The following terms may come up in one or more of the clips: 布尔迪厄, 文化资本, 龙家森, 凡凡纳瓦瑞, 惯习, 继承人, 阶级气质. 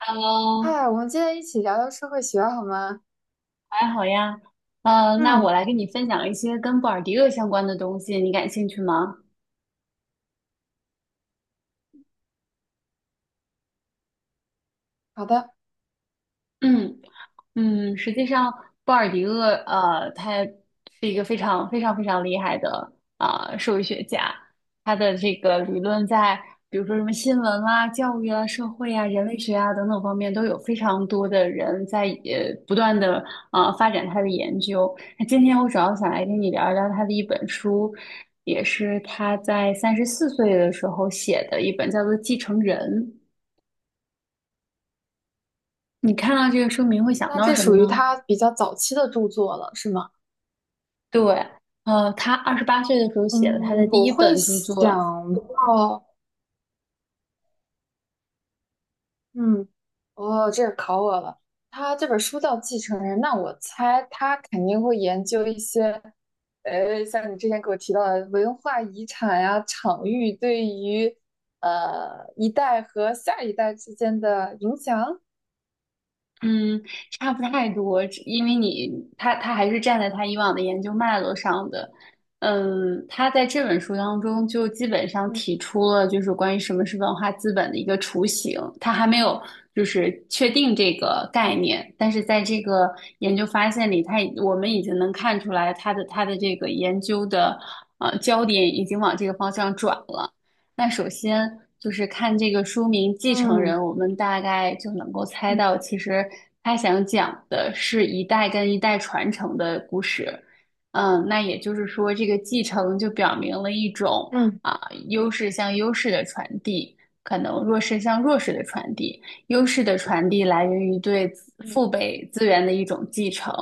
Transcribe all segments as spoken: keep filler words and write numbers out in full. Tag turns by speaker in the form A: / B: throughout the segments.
A: Hello，
B: 嗨，我们今天一起聊聊社会学好吗？
A: 还好呀。嗯，那我
B: 嗯，
A: 来跟你分享一些跟布尔迪厄相关的东西，你感兴趣吗？
B: 好的，
A: 嗯。嗯，实际上，鲍尔迪厄，呃，他是一个非常非常非常厉害的啊、呃社会学家。他的这个理论在比如说什么新闻啦、教育啊、社会啊、人类学啊等等方面，都有非常多的人在呃不断的啊、呃发展他的研究。那今天我主要想来跟你聊一聊他的一本书，也是他在三十四岁的时候写的一本，叫做《继承人》。你看到这个书名会想
B: 那
A: 到
B: 这
A: 什么
B: 属于
A: 呢？
B: 他比较早期的著作了，是吗？
A: 对，呃，他二十八岁的时候写了他的
B: 嗯，
A: 第
B: 我
A: 一
B: 会
A: 本著
B: 想
A: 作。
B: 到，嗯，哦，这个考我了。他这本书叫《继承人》，那我猜他肯定会研究一些，呃，像你之前给我提到的文化遗产呀、场域对于呃一代和下一代之间的影响。
A: 嗯，差不太多，只因为你他他还是站在他以往的研究脉络上的。嗯，他在这本书当中就基本上提
B: 嗯
A: 出了就是关于什么是文化资本的一个雏形，他还没有就是确定这个概念，但是在这个研究发现里，他已我们已经能看出来他的他的这个研究的呃焦点已经往这个方向转了。那首先就是看这个书名《继承
B: 嗯
A: 人》，我们大概就能够猜
B: 嗯
A: 到，其实他想讲的是一代跟一代传承的故事。嗯，那也就是说，这个继承就表明了一种
B: 嗯。
A: 啊优势向优势的传递，可能弱势向弱势的传递。优势的传递来源于对子父辈资源的一种继承。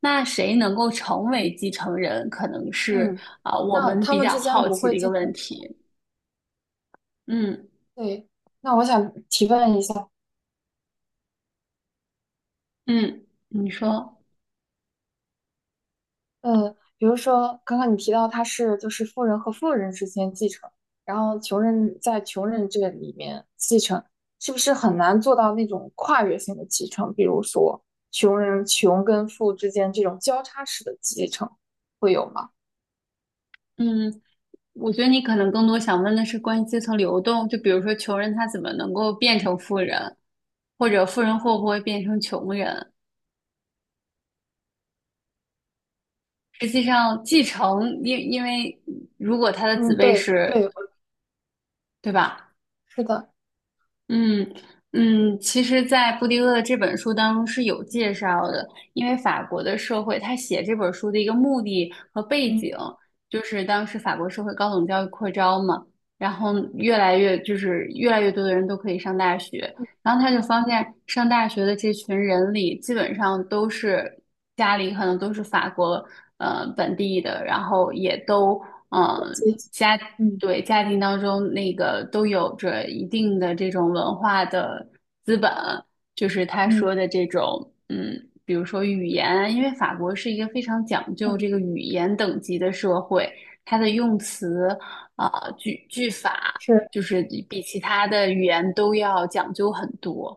A: 那谁能够成为继承人，可能是
B: 嗯，
A: 啊我
B: 那
A: 们
B: 他
A: 比
B: 们
A: 较
B: 之间
A: 好
B: 不
A: 奇的
B: 会
A: 一个
B: 进行，
A: 问题。嗯。
B: 对，那我想提问一下，
A: 嗯，你
B: 嗯，
A: 说。
B: 呃，比如说刚刚你提到他是就是富人和富人之间继承，然后穷人在穷人这里面继承，是不是很难做到那种跨越性的继承？比如说穷人穷跟富之间这种交叉式的继承会有吗？
A: 嗯，我觉得你可能更多想问的是关于阶层流动，就比如说穷人他怎么能够变成富人，或者富人会不会变成穷人？实际上，继承，因因为如果他的子
B: 嗯，
A: 辈
B: 对
A: 是，
B: 对，
A: 对吧？
B: 是的，
A: 嗯嗯，其实，在布迪厄的这本书当中是有介绍的，因为法国的社会，他写这本书的一个目的和背
B: 嗯，
A: 景，就是当时法国社会高等教育扩招嘛，然后越来越就是越来越多的人都可以上大学，然后他就发现上大学的这群人里，基本上都是家里可能都是法国呃本地的，然后也都。
B: 我
A: 嗯。
B: 记
A: 家
B: 嗯
A: 对家庭当中那个都有着一定的这种文化的资本，就是他
B: 嗯
A: 说的这种，嗯，比如说语言啊，因为法国是一个非常讲
B: 嗯，
A: 究这个语言等级的社会，它的用词啊、呃句句法，
B: 是，
A: 就是比其他的语言都要讲究很多。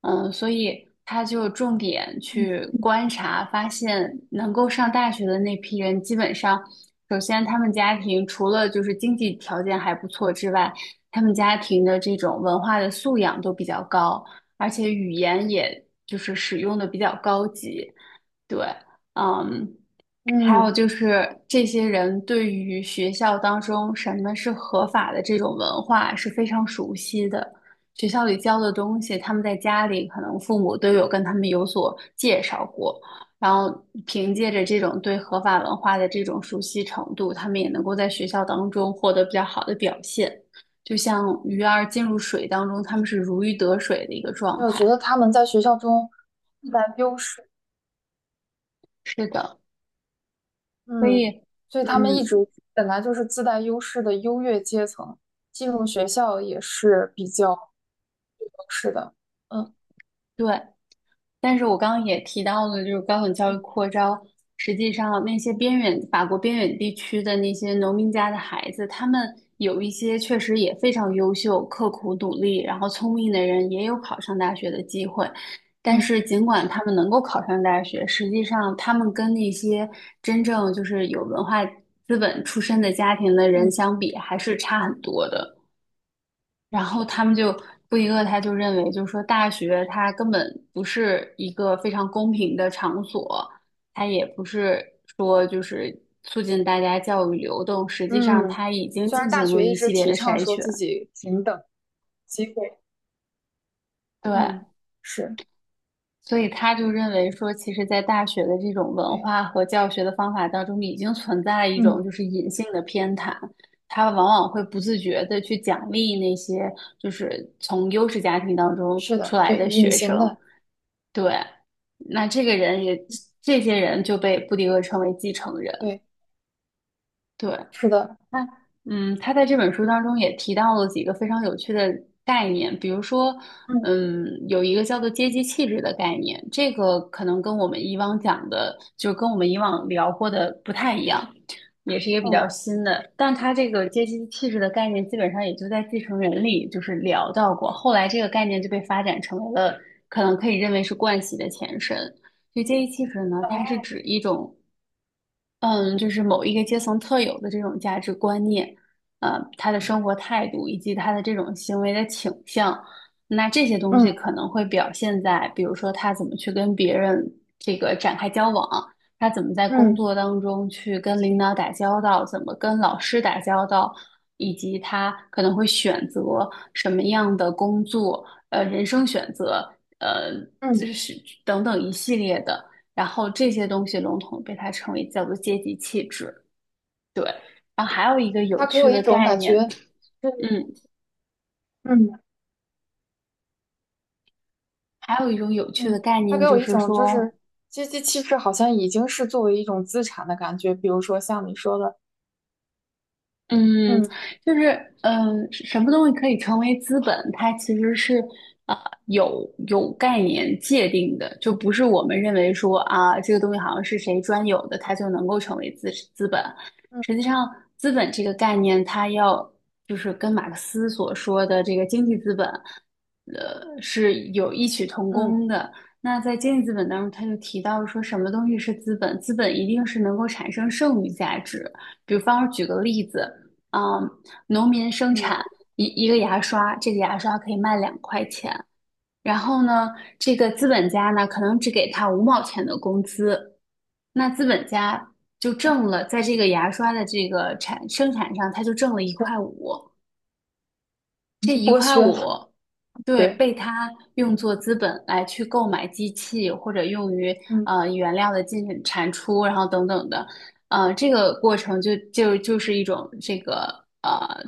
A: 嗯，所以他就重点
B: 嗯
A: 去观察，发现能够上大学的那批人，基本上首先，他们家庭除了就是经济条件还不错之外，他们家庭的这种文化的素养都比较高，而且语言也就是使用的比较高级。对。嗯，还有
B: 嗯。
A: 就是这些人对于学校当中什么是合法的这种文化是非常熟悉的。学校里教的东西，他们在家里可能父母都有跟他们有所介绍过。然后凭借着这种对合法文化的这种熟悉程度，他们也能够在学校当中获得比较好的表现。就像鱼儿进入水当中，他们是如鱼得水的一个
B: 就
A: 状
B: 我觉
A: 态。
B: 得他们在学校中自带优势，
A: 是的，所
B: 嗯，
A: 以，
B: 所以他们一直
A: 嗯，
B: 本来就是自带优势的优越阶层，进入学校也是比较是的，嗯
A: 对。但是我刚刚也提到了，就是高等教育
B: 嗯
A: 扩招，实际上那些边远法国边远地区的那些农民家的孩子，他们有一些确实也非常优秀、刻苦努力，然后聪明的人也有考上大学的机会。但
B: 嗯
A: 是尽管他们能够考上大学，实际上他们跟那些真正就是有文化资本出身的家庭的人
B: 嗯
A: 相比，还是差很多的。然后他们就不一个，他就认为，就是说大学它根本不是一个非常公平的场所，它也不是说就是促进大家教育流动，实际上
B: 嗯。
A: 它已经
B: 虽
A: 进
B: 然大
A: 行了
B: 学一
A: 一
B: 直
A: 系列
B: 提
A: 的
B: 倡
A: 筛
B: 说
A: 选。
B: 自己平等机会，嗯，
A: 对，
B: 是，
A: 所以他就认为说，其实，在大学的这种文
B: 对，
A: 化和教学的方法当中，已经存在一种
B: 嗯，
A: 就是隐性的偏袒，他往往会不自觉的去奖励那些就是从优势家庭当中
B: 是
A: 出
B: 的，
A: 来
B: 对，
A: 的
B: 隐
A: 学生。
B: 形的，
A: 对，那这个人也，这些人就被布迪厄称为继承人。
B: 对，
A: 对。
B: 是的，
A: 那嗯，他在这本书当中也提到了几个非常有趣的概念，比如说，
B: 嗯，
A: 嗯，有一个叫做阶级气质的概念，这个可能跟我们以往讲的，就跟我们以往聊过的不太一样，也是一个比较
B: 哦，
A: 新的。但他这个阶级气质的概念，基本上也就在《继承人》里就是聊到过，后来这个概念就被发展成为了可能可以认为是惯习的前身。就阶级气质呢，它是
B: 哦
A: 指一种。嗯，就是某一个阶层特有的这种价值观念，呃，他的生活态度以及他的这种行为的倾向，那这些东西可
B: 嗯
A: 能会表现在，比如说他怎么去跟别人这个展开交往，他怎么在工
B: 嗯
A: 作当中去跟领导打交道，怎么跟老师打交道，以及他可能会选择什么样的工作，呃，人生选择，呃，就
B: 嗯，
A: 是等等一系列的。然后这些东西笼统被它称为叫做阶级气质。对，然后还有一个有
B: 他给
A: 趣
B: 我一
A: 的
B: 种
A: 概
B: 感
A: 念。
B: 觉，
A: 嗯，
B: 嗯。
A: 还有一种有趣的
B: 嗯，
A: 概
B: 他
A: 念
B: 给我
A: 就
B: 一
A: 是
B: 种就
A: 说，
B: 是阶级气势，好像已经是作为一种资产的感觉。比如说像你说的，
A: 嗯，
B: 嗯
A: 就是嗯，什么东西可以成为资本？它其实是啊、呃有有概念界定的，就不是我们认为说啊，这个东西好像是谁专有的，它就能够成为资资本。
B: 嗯
A: 实际上，资本这个概念，它要就是跟马克思所说的这个经济资本，呃，是有异曲同
B: 嗯
A: 工的。那在经济资本当中，他就提到说什么东西是资本？资本一定是能够产生剩余价值。比方说举个例子。嗯，农民生产
B: 嗯，
A: 一一个牙刷，这个牙刷可以卖两块钱。然后呢，这个资本家呢，可能只给他五毛钱的工资，那资本家就挣了，在这个牙刷的这个产生产上，他就挣了一块五。这
B: 就
A: 一
B: 剥
A: 块
B: 削
A: 五，
B: 了，
A: 对，
B: 对，
A: 被他用作资本来去购买机器，或者用于
B: 嗯
A: 呃原料的进产出，然后等等的。呃，这个过程就就就是一种这个呃，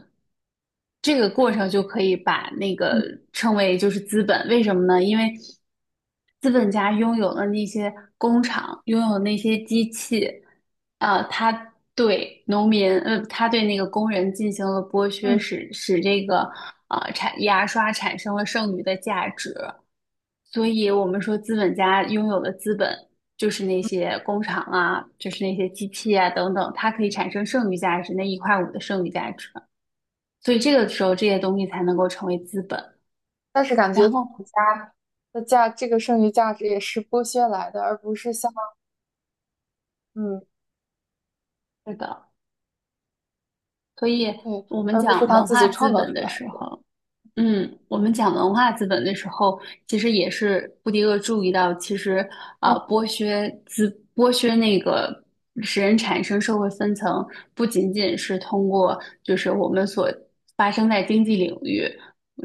A: 这个过程就可以把那个
B: 嗯
A: 称为就是资本。为什么呢？因为资本家拥有了那些工厂，拥有那些机器，呃，他对农民，呃，他对那个工人进行了剥削，
B: 嗯。
A: 使使这个呃产牙刷产生了剩余的价值。所以我们说资本家拥有的资本就是那些工厂啊，就是那些机器啊等等，它可以产生剩余价值，那一块五的剩余价值。所以这个时候这些东西才能够成为资本。
B: 但是感觉
A: 然
B: 资
A: 后
B: 本家的价，这个剩余价值也是剥削来的，而不是像嗯
A: 是的，所以
B: 对，
A: 我们
B: 而不是
A: 讲
B: 他
A: 文
B: 自
A: 化
B: 己
A: 资
B: 创造
A: 本
B: 出
A: 的
B: 来
A: 时
B: 的。
A: 候。嗯，我们讲文化资本的时候，其实也是布迪厄注意到，其实啊、
B: 嗯，
A: 呃剥削资剥削那个使人产生社会分层，不仅仅是通过就是我们所发生在经济领域，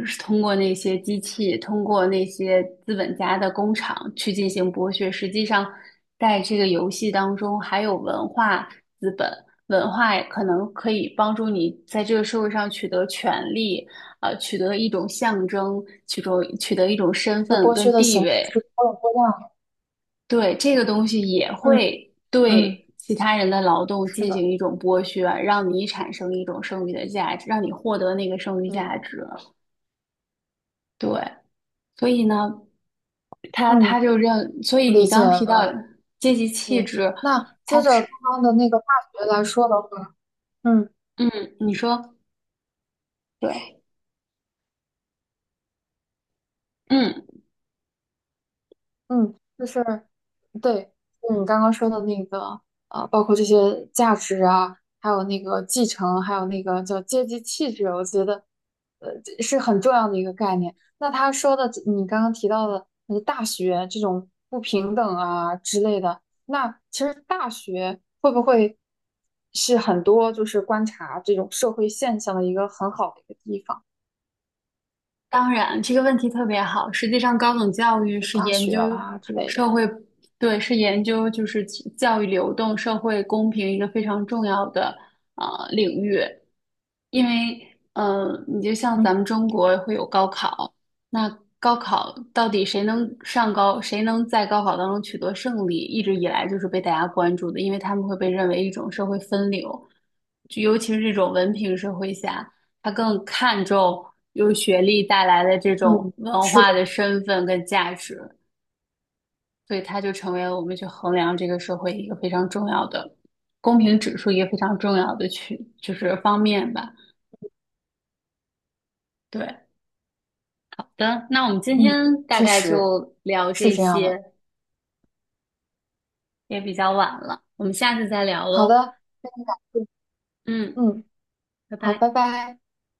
A: 是通过那些机器，通过那些资本家的工厂去进行剥削，实际上在这个游戏当中还有文化资本。文化可能可以帮助你在这个社会上取得权利，呃，取得一种象征，取得取得一种身
B: 就是
A: 份
B: 剥
A: 跟
B: 削的形
A: 地
B: 式是
A: 位。
B: 多种多样的。
A: 对，这个东西也
B: 嗯
A: 会
B: 嗯，
A: 对其他人的劳动
B: 是
A: 进
B: 的，
A: 行一种剥削，让你产生一种剩余的价值，让你获得那个剩余
B: 对，
A: 价值。对，所以呢，他他
B: 嗯，
A: 就认，所
B: 我
A: 以你
B: 理解
A: 刚刚提到
B: 了。
A: 阶级气
B: 对，
A: 质，
B: 那接
A: 他
B: 着刚
A: 是，
B: 刚的那个化学来说的话，嗯。
A: 嗯，你说对，嗯。
B: 嗯，就是对，就是你刚刚说的那个，啊，包括这些价值啊，还有那个继承，还有那个叫阶级气质，我觉得，呃，这是很重要的一个概念。那他说的，你刚刚提到的那个大学这种不平等啊之类的，那其实大学会不会是很多就是观察这种社会现象的一个很好的一个地方，
A: 当然，这个问题特别好。实际上，高等教育是
B: 大
A: 研
B: 学
A: 究
B: 啊之类的。
A: 社会。对，是研究就是教育流动、社会公平一个非常重要的呃领域。因为嗯，你就像
B: 嗯
A: 咱们中国会有高考，那高考到底谁能上高，谁能在高考当中取得胜利，一直以来就是被大家关注的，因为他们会被认为一种社会分流，就尤其是这种文凭社会下，他更看重由学历带来的这种
B: 嗯，
A: 文
B: 是
A: 化的
B: 的。
A: 身份跟价值，所以它就成为了我们去衡量这个社会一个非常重要的公平指数，一个非常重要的去就是方面吧。对，的，那我们今
B: 嗯，
A: 天大
B: 确
A: 概
B: 实
A: 就聊
B: 是
A: 这
B: 这样的。
A: 些，也比较晚了，我们下次再聊
B: 好
A: 喽。
B: 的，嗯，
A: 嗯，
B: 嗯
A: 拜
B: 好，拜
A: 拜。
B: 拜。